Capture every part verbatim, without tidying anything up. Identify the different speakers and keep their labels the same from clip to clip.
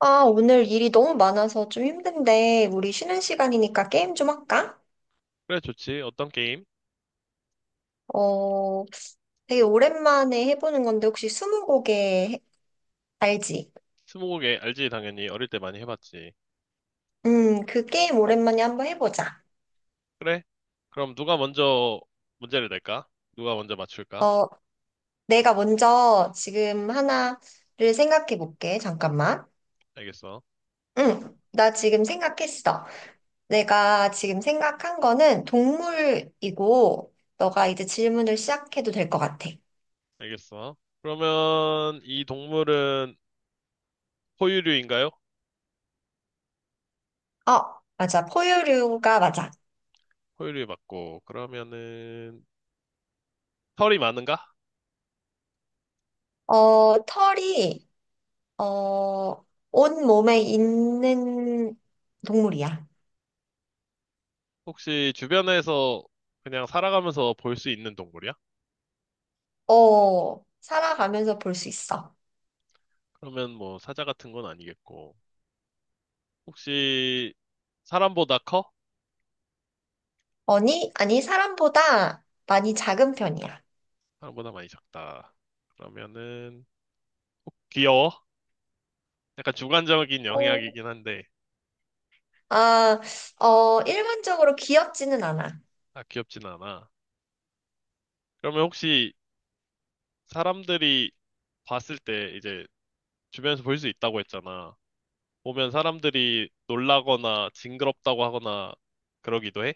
Speaker 1: 아, 오늘 일이 너무 많아서 좀 힘든데, 우리 쉬는 시간이니까 게임 좀 할까?
Speaker 2: 그래, 좋지. 어떤 게임?
Speaker 1: 어, 되게 오랜만에 해보는 건데, 혹시 스무고개 해- 알지?
Speaker 2: 스무고개 알지, 당연히. 어릴 때 많이 해봤지.
Speaker 1: 음, 그 게임 오랜만에 한번 해보자.
Speaker 2: 그래? 그럼 누가 먼저 문제를 낼까? 누가 먼저 맞출까?
Speaker 1: 어, 내가 먼저 지금 하나를 생각해 볼게. 잠깐만.
Speaker 2: 알겠어.
Speaker 1: 응, 나 지금 생각했어. 내가 지금 생각한 거는 동물이고, 너가 이제 질문을 시작해도 될 것 같아.
Speaker 2: 알겠어. 그러면 이 동물은 포유류인가요?
Speaker 1: 어, 맞아. 포유류가 맞아.
Speaker 2: 포유류 맞고. 그러면은 털이 많은가?
Speaker 1: 어, 털이, 어, 온 몸에 있는 동물이야.
Speaker 2: 혹시 주변에서 그냥 살아가면서 볼 수 있는 동물이야?
Speaker 1: 어, 살아가면서 볼 수 있어.
Speaker 2: 그러면 뭐 사자 같은 건 아니겠고. 혹시 사람보다 커?
Speaker 1: 아니, 아니, 사람보다 많이 작은 편이야.
Speaker 2: 사람보다 많이 작다. 그러면은 어, 귀여워? 약간 주관적인
Speaker 1: 어,
Speaker 2: 영향이긴 한데,
Speaker 1: 아, 어, 일반적으로 귀엽지는 않아.
Speaker 2: 아, 귀엽진 않아. 그러면 혹시 사람들이 봤을 때 이제 주변에서 볼 수 있다고 했잖아. 보면 사람들이 놀라거나 징그럽다고 하거나 그러기도 해?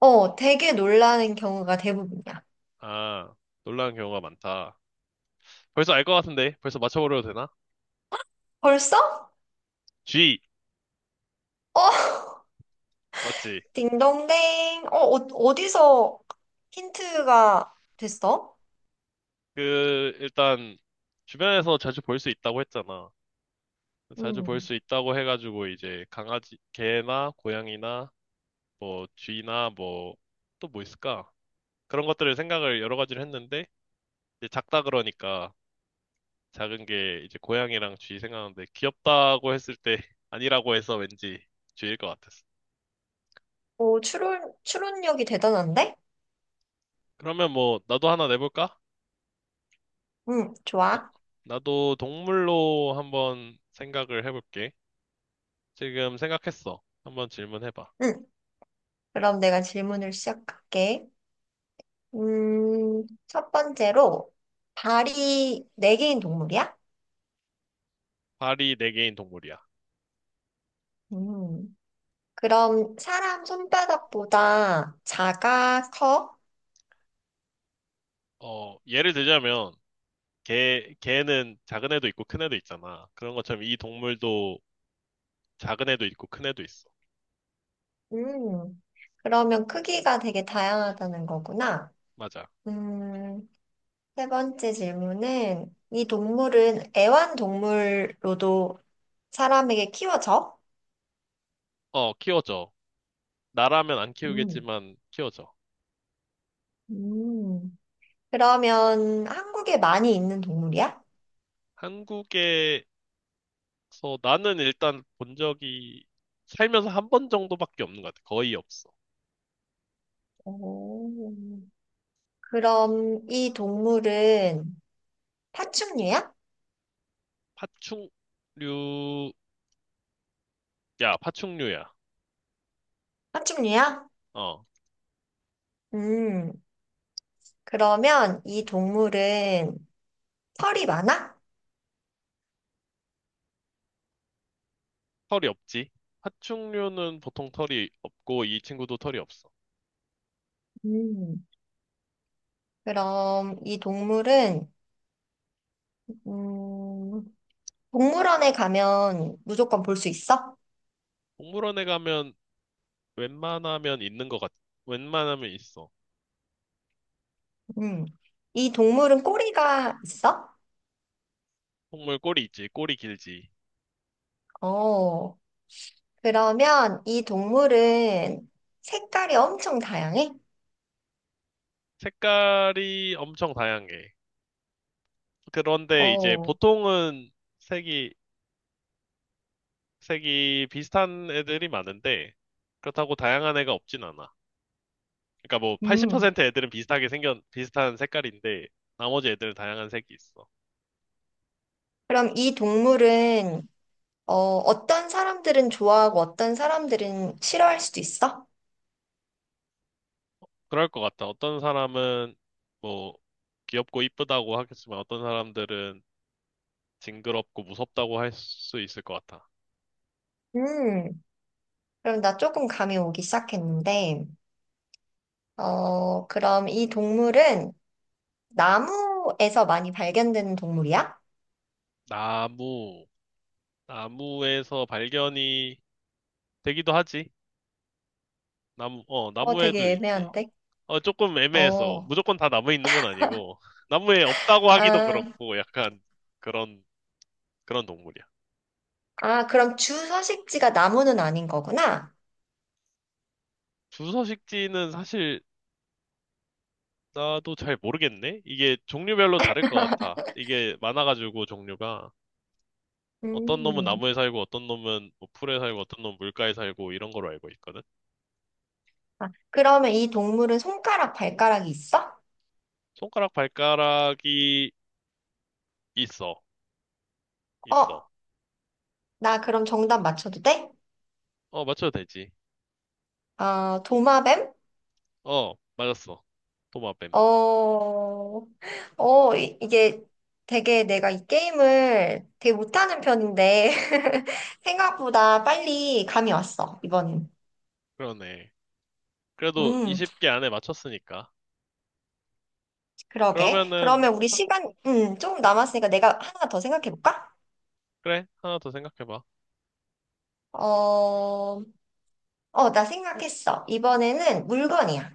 Speaker 1: 어, 되게 놀라는 경우가 대부분이야.
Speaker 2: 아, 놀라는 경우가 많다. 벌써 알 것 같은데? 벌써 맞춰버려도 되나?
Speaker 1: 벌써?
Speaker 2: G,
Speaker 1: 어,
Speaker 2: 맞지?
Speaker 1: 딩동댕. 어, 어, 어디서 힌트가 됐어?
Speaker 2: 그, 일단, 주변에서 자주 볼 수 있다고 했잖아. 자주 볼
Speaker 1: 음,
Speaker 2: 수 있다고 해가지고 이제 강아지, 개나 고양이나 뭐 쥐나 뭐 또 뭐 있을까? 그런 것들을 생각을 여러 가지를 했는데 이제 작다 그러니까 작은 게 이제 고양이랑 쥐 생각하는데 귀엽다고 했을 때 아니라고 해서 왠지 쥐일 것 같았어.
Speaker 1: 오, 추론, 추론력이 대단한데?
Speaker 2: 그러면 뭐 나도 하나 내볼까?
Speaker 1: 응,
Speaker 2: 나,
Speaker 1: 좋아.
Speaker 2: 나도 동물로 한번 생각을 해볼게. 지금 생각했어. 한번 질문해봐.
Speaker 1: 응. 그럼 내가 질문을 시작할게. 음, 첫 번째로, 발이 네 개인 동물이야?
Speaker 2: 발이 네 개인 동물이야.
Speaker 1: 음, 그럼 사람 손바닥보다 작아, 커?
Speaker 2: 어, 예를 들자면 개, 개는 작은 애도 있고 큰 애도 있잖아. 그런 것처럼 이 동물도 작은 애도 있고 큰 애도 있어.
Speaker 1: 음, 그러면 크기가 되게 다양하다는 거구나.
Speaker 2: 맞아.
Speaker 1: 음, 세 번째 질문은, 이 동물은 애완동물로도 사람에게 키워져?
Speaker 2: 어, 키워져. 나라면 안
Speaker 1: 음,
Speaker 2: 키우겠지만 키워져.
Speaker 1: 음, 그러면 한국에 많이 있는 동물이야?
Speaker 2: 한국에서 나는 일단 본 적이 살면서 한 번 정도밖에 없는 것 같아. 거의 없어.
Speaker 1: 오. 그럼 이 동물은 파충류야?
Speaker 2: 파충류, 야, 파충류야.
Speaker 1: 파충류야?
Speaker 2: 어,
Speaker 1: 음, 그러면 이 동물은 털이 많아?
Speaker 2: 털이 없지. 파충류는 보통 털이 없고 이 친구도 털이 없어.
Speaker 1: 음, 그럼 이 동물은, 음, 동물원에 가면 무조건 볼 수 있어?
Speaker 2: 동물원에 가면 웬만하면 있는 것 같아. 웬만하면 있어.
Speaker 1: 음, 이 동물은 꼬리가 있어?
Speaker 2: 동물 꼬리 있지, 꼬리 길지.
Speaker 1: 어, 그러면 이 동물은 색깔이 엄청 다양해?
Speaker 2: 색깔이 엄청 다양해. 그런데 이제
Speaker 1: 어,
Speaker 2: 보통은 색이 색이 비슷한 애들이 많은데 그렇다고 다양한 애가 없진 않아. 그러니까 뭐
Speaker 1: 음,
Speaker 2: 팔십 퍼센트 애들은 비슷하게 생겨 비슷한 색깔인데 나머지 애들은 다양한 색이 있어.
Speaker 1: 그럼 이 동물은 어, 어떤 사람들은 좋아하고 어떤 사람들은 싫어할 수도 있어?
Speaker 2: 그럴 것 같아. 어떤 사람은 뭐 귀엽고 이쁘다고 하겠지만 어떤 사람들은 징그럽고 무섭다고 할 수 있을 것 같아.
Speaker 1: 음, 그럼 나 조금 감이 오기 시작했는데, 어, 그럼 이 동물은 나무에서 많이 발견되는 동물이야?
Speaker 2: 나무 나무에서 발견이 되기도 하지. 나무 어
Speaker 1: 어,
Speaker 2: 나무에도
Speaker 1: 되게
Speaker 2: 있지.
Speaker 1: 애매한데?
Speaker 2: 어, 조금 애매해서
Speaker 1: 어,
Speaker 2: 무조건 다 나무에 있는 건 아니고 나무에 없다고 하기도
Speaker 1: 아,
Speaker 2: 그렇고 약간 그런 그런 동물이야.
Speaker 1: 아, 그럼 주 서식지가 나무는 아닌 거구나?
Speaker 2: 주서식지는 사실 나도 잘 모르겠네. 이게 종류별로 다를 것 같아. 이게 많아가지고 종류가 어떤 놈은
Speaker 1: 음,
Speaker 2: 나무에 살고 어떤 놈은 뭐 풀에 살고 어떤 놈은 물가에 살고 이런 걸로 알고 있거든.
Speaker 1: 아, 그러면 이 동물은 손가락, 발가락이 있어?
Speaker 2: 손가락 발가락이 있어. 있어.
Speaker 1: 어, 나 그럼 정답 맞춰도 돼?
Speaker 2: 어, 맞춰도 되지.
Speaker 1: 어, 도마뱀?
Speaker 2: 어, 맞았어. 도마뱀.
Speaker 1: 어, 어, 이- 이게 되게 내가 이 게임을 되게 못하는 편인데, 생각보다 빨리 감이 왔어, 이번엔.
Speaker 2: 그러네. 그래도
Speaker 1: 음,
Speaker 2: 스무 개 안에 맞췄으니까.
Speaker 1: 그러게.
Speaker 2: 그러면은
Speaker 1: 그러면 우리 시간, 음, 조금 남았으니까 내가 하나 더 생각해볼까?
Speaker 2: 그래, 하나 더 생각해봐.
Speaker 1: 어, 어, 나 생각했어. 이번에는 물건이야.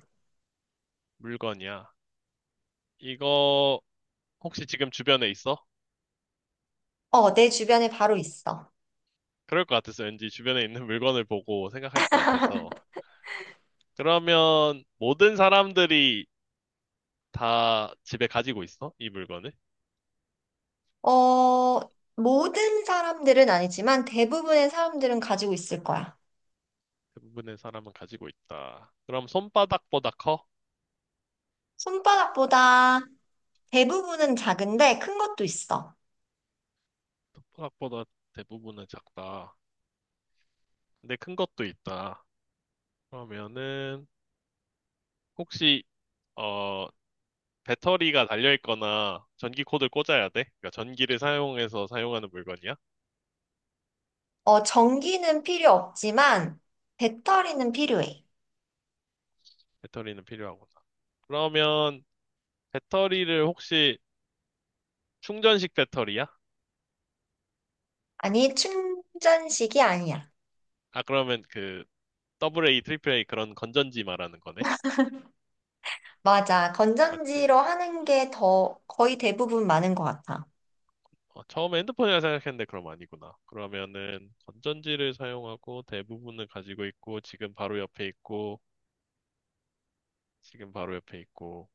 Speaker 2: 물건이야. 이거 혹시 지금 주변에 있어?
Speaker 1: 어, 내 주변에 바로 있어.
Speaker 2: 그럴 것 같았어. 왠지 주변에 있는 물건을 보고 생각할 것 같아서. 그러면 모든 사람들이 다 집에 가지고 있어? 이 물건을?
Speaker 1: 어, 모든 사람들은 아니지만 대부분의 사람들은 가지고 있을 거야.
Speaker 2: 대부분의 사람은 가지고 있다. 그럼 손바닥보다 커?
Speaker 1: 손바닥보다 대부분은 작은데 큰 것도 있어.
Speaker 2: 손바닥보다 대부분은 작다. 근데 큰 것도 있다. 그러면은 혹시 어 배터리가 달려 있거나 전기 코드를 꽂아야 돼? 그러니까 전기를 사용해서 사용하는 물건이야?
Speaker 1: 어, 전기는 필요 없지만 배터리는 필요해.
Speaker 2: 배터리는 필요하구나. 그러면 배터리를 혹시 충전식 배터리야?
Speaker 1: 아니, 충전식이 아니야.
Speaker 2: 아, 그러면 그 에이에이, 에이에이에이 그런 건전지 말하는 거네?
Speaker 1: 맞아.
Speaker 2: 맞지?
Speaker 1: 건전지로 하는 게 더 거의 대부분 많은 것 같아.
Speaker 2: 어, 처음에 핸드폰이라 생각했는데 그럼 아니구나. 그러면은 건전지를 사용하고 대부분은 가지고 있고 지금 바로 옆에 있고 지금 바로 옆에 있고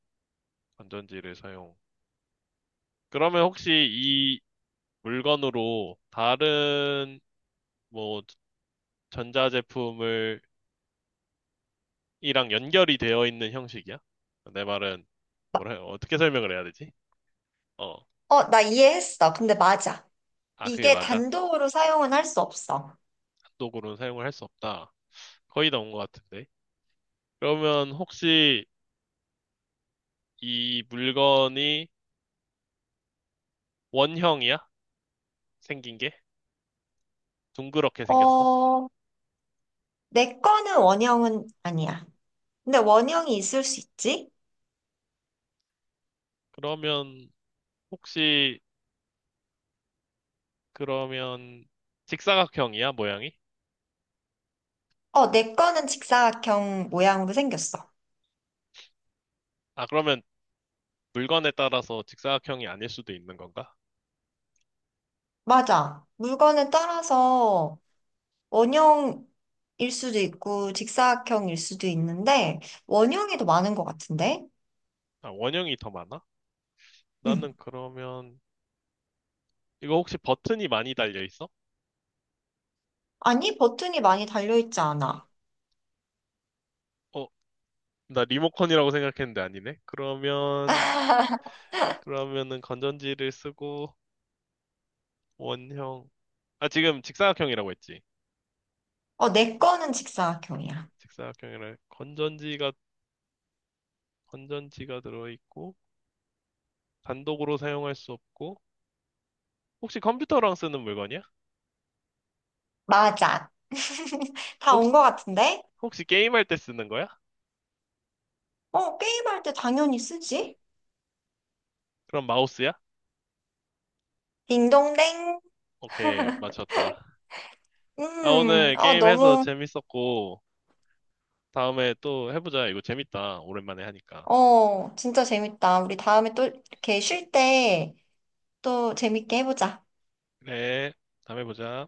Speaker 2: 건전지를 사용. 그러면 혹시 이 물건으로 다른 뭐 전자제품을 이랑 연결이 되어 있는 형식이야? 내 말은 뭐라 어떻게 설명을 해야 되지? 어,
Speaker 1: 어, 나 이해했어. 근데 맞아.
Speaker 2: 아 그게
Speaker 1: 이게
Speaker 2: 맞아.
Speaker 1: 단독으로 사용은 할 수 없어.
Speaker 2: 단독으로는 사용을 할 수 없다. 거의 다 온 것 같은데. 그러면 혹시 이 물건이 원형이야? 생긴 게? 둥그렇게 생겼어?
Speaker 1: 어, 내 거는 원형은 아니야. 근데 원형이 있을 수 있지?
Speaker 2: 그러면 혹시 그러면 직사각형이야, 모양이?
Speaker 1: 어, 내 거는 직사각형 모양으로 생겼어.
Speaker 2: 아 그러면 물건에 따라서 직사각형이 아닐 수도 있는 건가?
Speaker 1: 맞아. 물건에 따라서 원형일 수도 있고 직사각형일 수도 있는데 원형이 더 많은 것 같은데?
Speaker 2: 아, 원형이 더 많아?
Speaker 1: 응.
Speaker 2: 나는 그러면 이거 혹시 버튼이 많이 달려 있어?
Speaker 1: 아니, 버튼이 많이 달려있지 않아.
Speaker 2: 어, 나 리모컨이라고 생각했는데 아니네. 그러면 그러면은 건전지를 쓰고 원형. 아, 지금 직사각형이라고 했지.
Speaker 1: 어, 내 거는 직사각형이야.
Speaker 2: 직사각형이라 건전지가 건전지가 들어 있고 단독으로 사용할 수 없고 혹시 컴퓨터랑 쓰는 물건이야?
Speaker 1: 맞아. 다 온
Speaker 2: 혹시
Speaker 1: 것 같은데?
Speaker 2: 혹시 게임할 때 쓰는 거야?
Speaker 1: 어, 게임할 때 당연히 쓰지.
Speaker 2: 그럼 마우스야?
Speaker 1: 딩동댕.
Speaker 2: 오케이, 맞췄다. 아,
Speaker 1: 음,
Speaker 2: 오늘
Speaker 1: 어,
Speaker 2: 게임해서
Speaker 1: 너무,
Speaker 2: 재밌었고 다음에 또 해보자. 이거 재밌다. 오랜만에 하니까.
Speaker 1: 어, 진짜 재밌다. 우리 다음에 또 이렇게 쉴 때 또 재밌게 해보자.
Speaker 2: 네, 다음에 보자.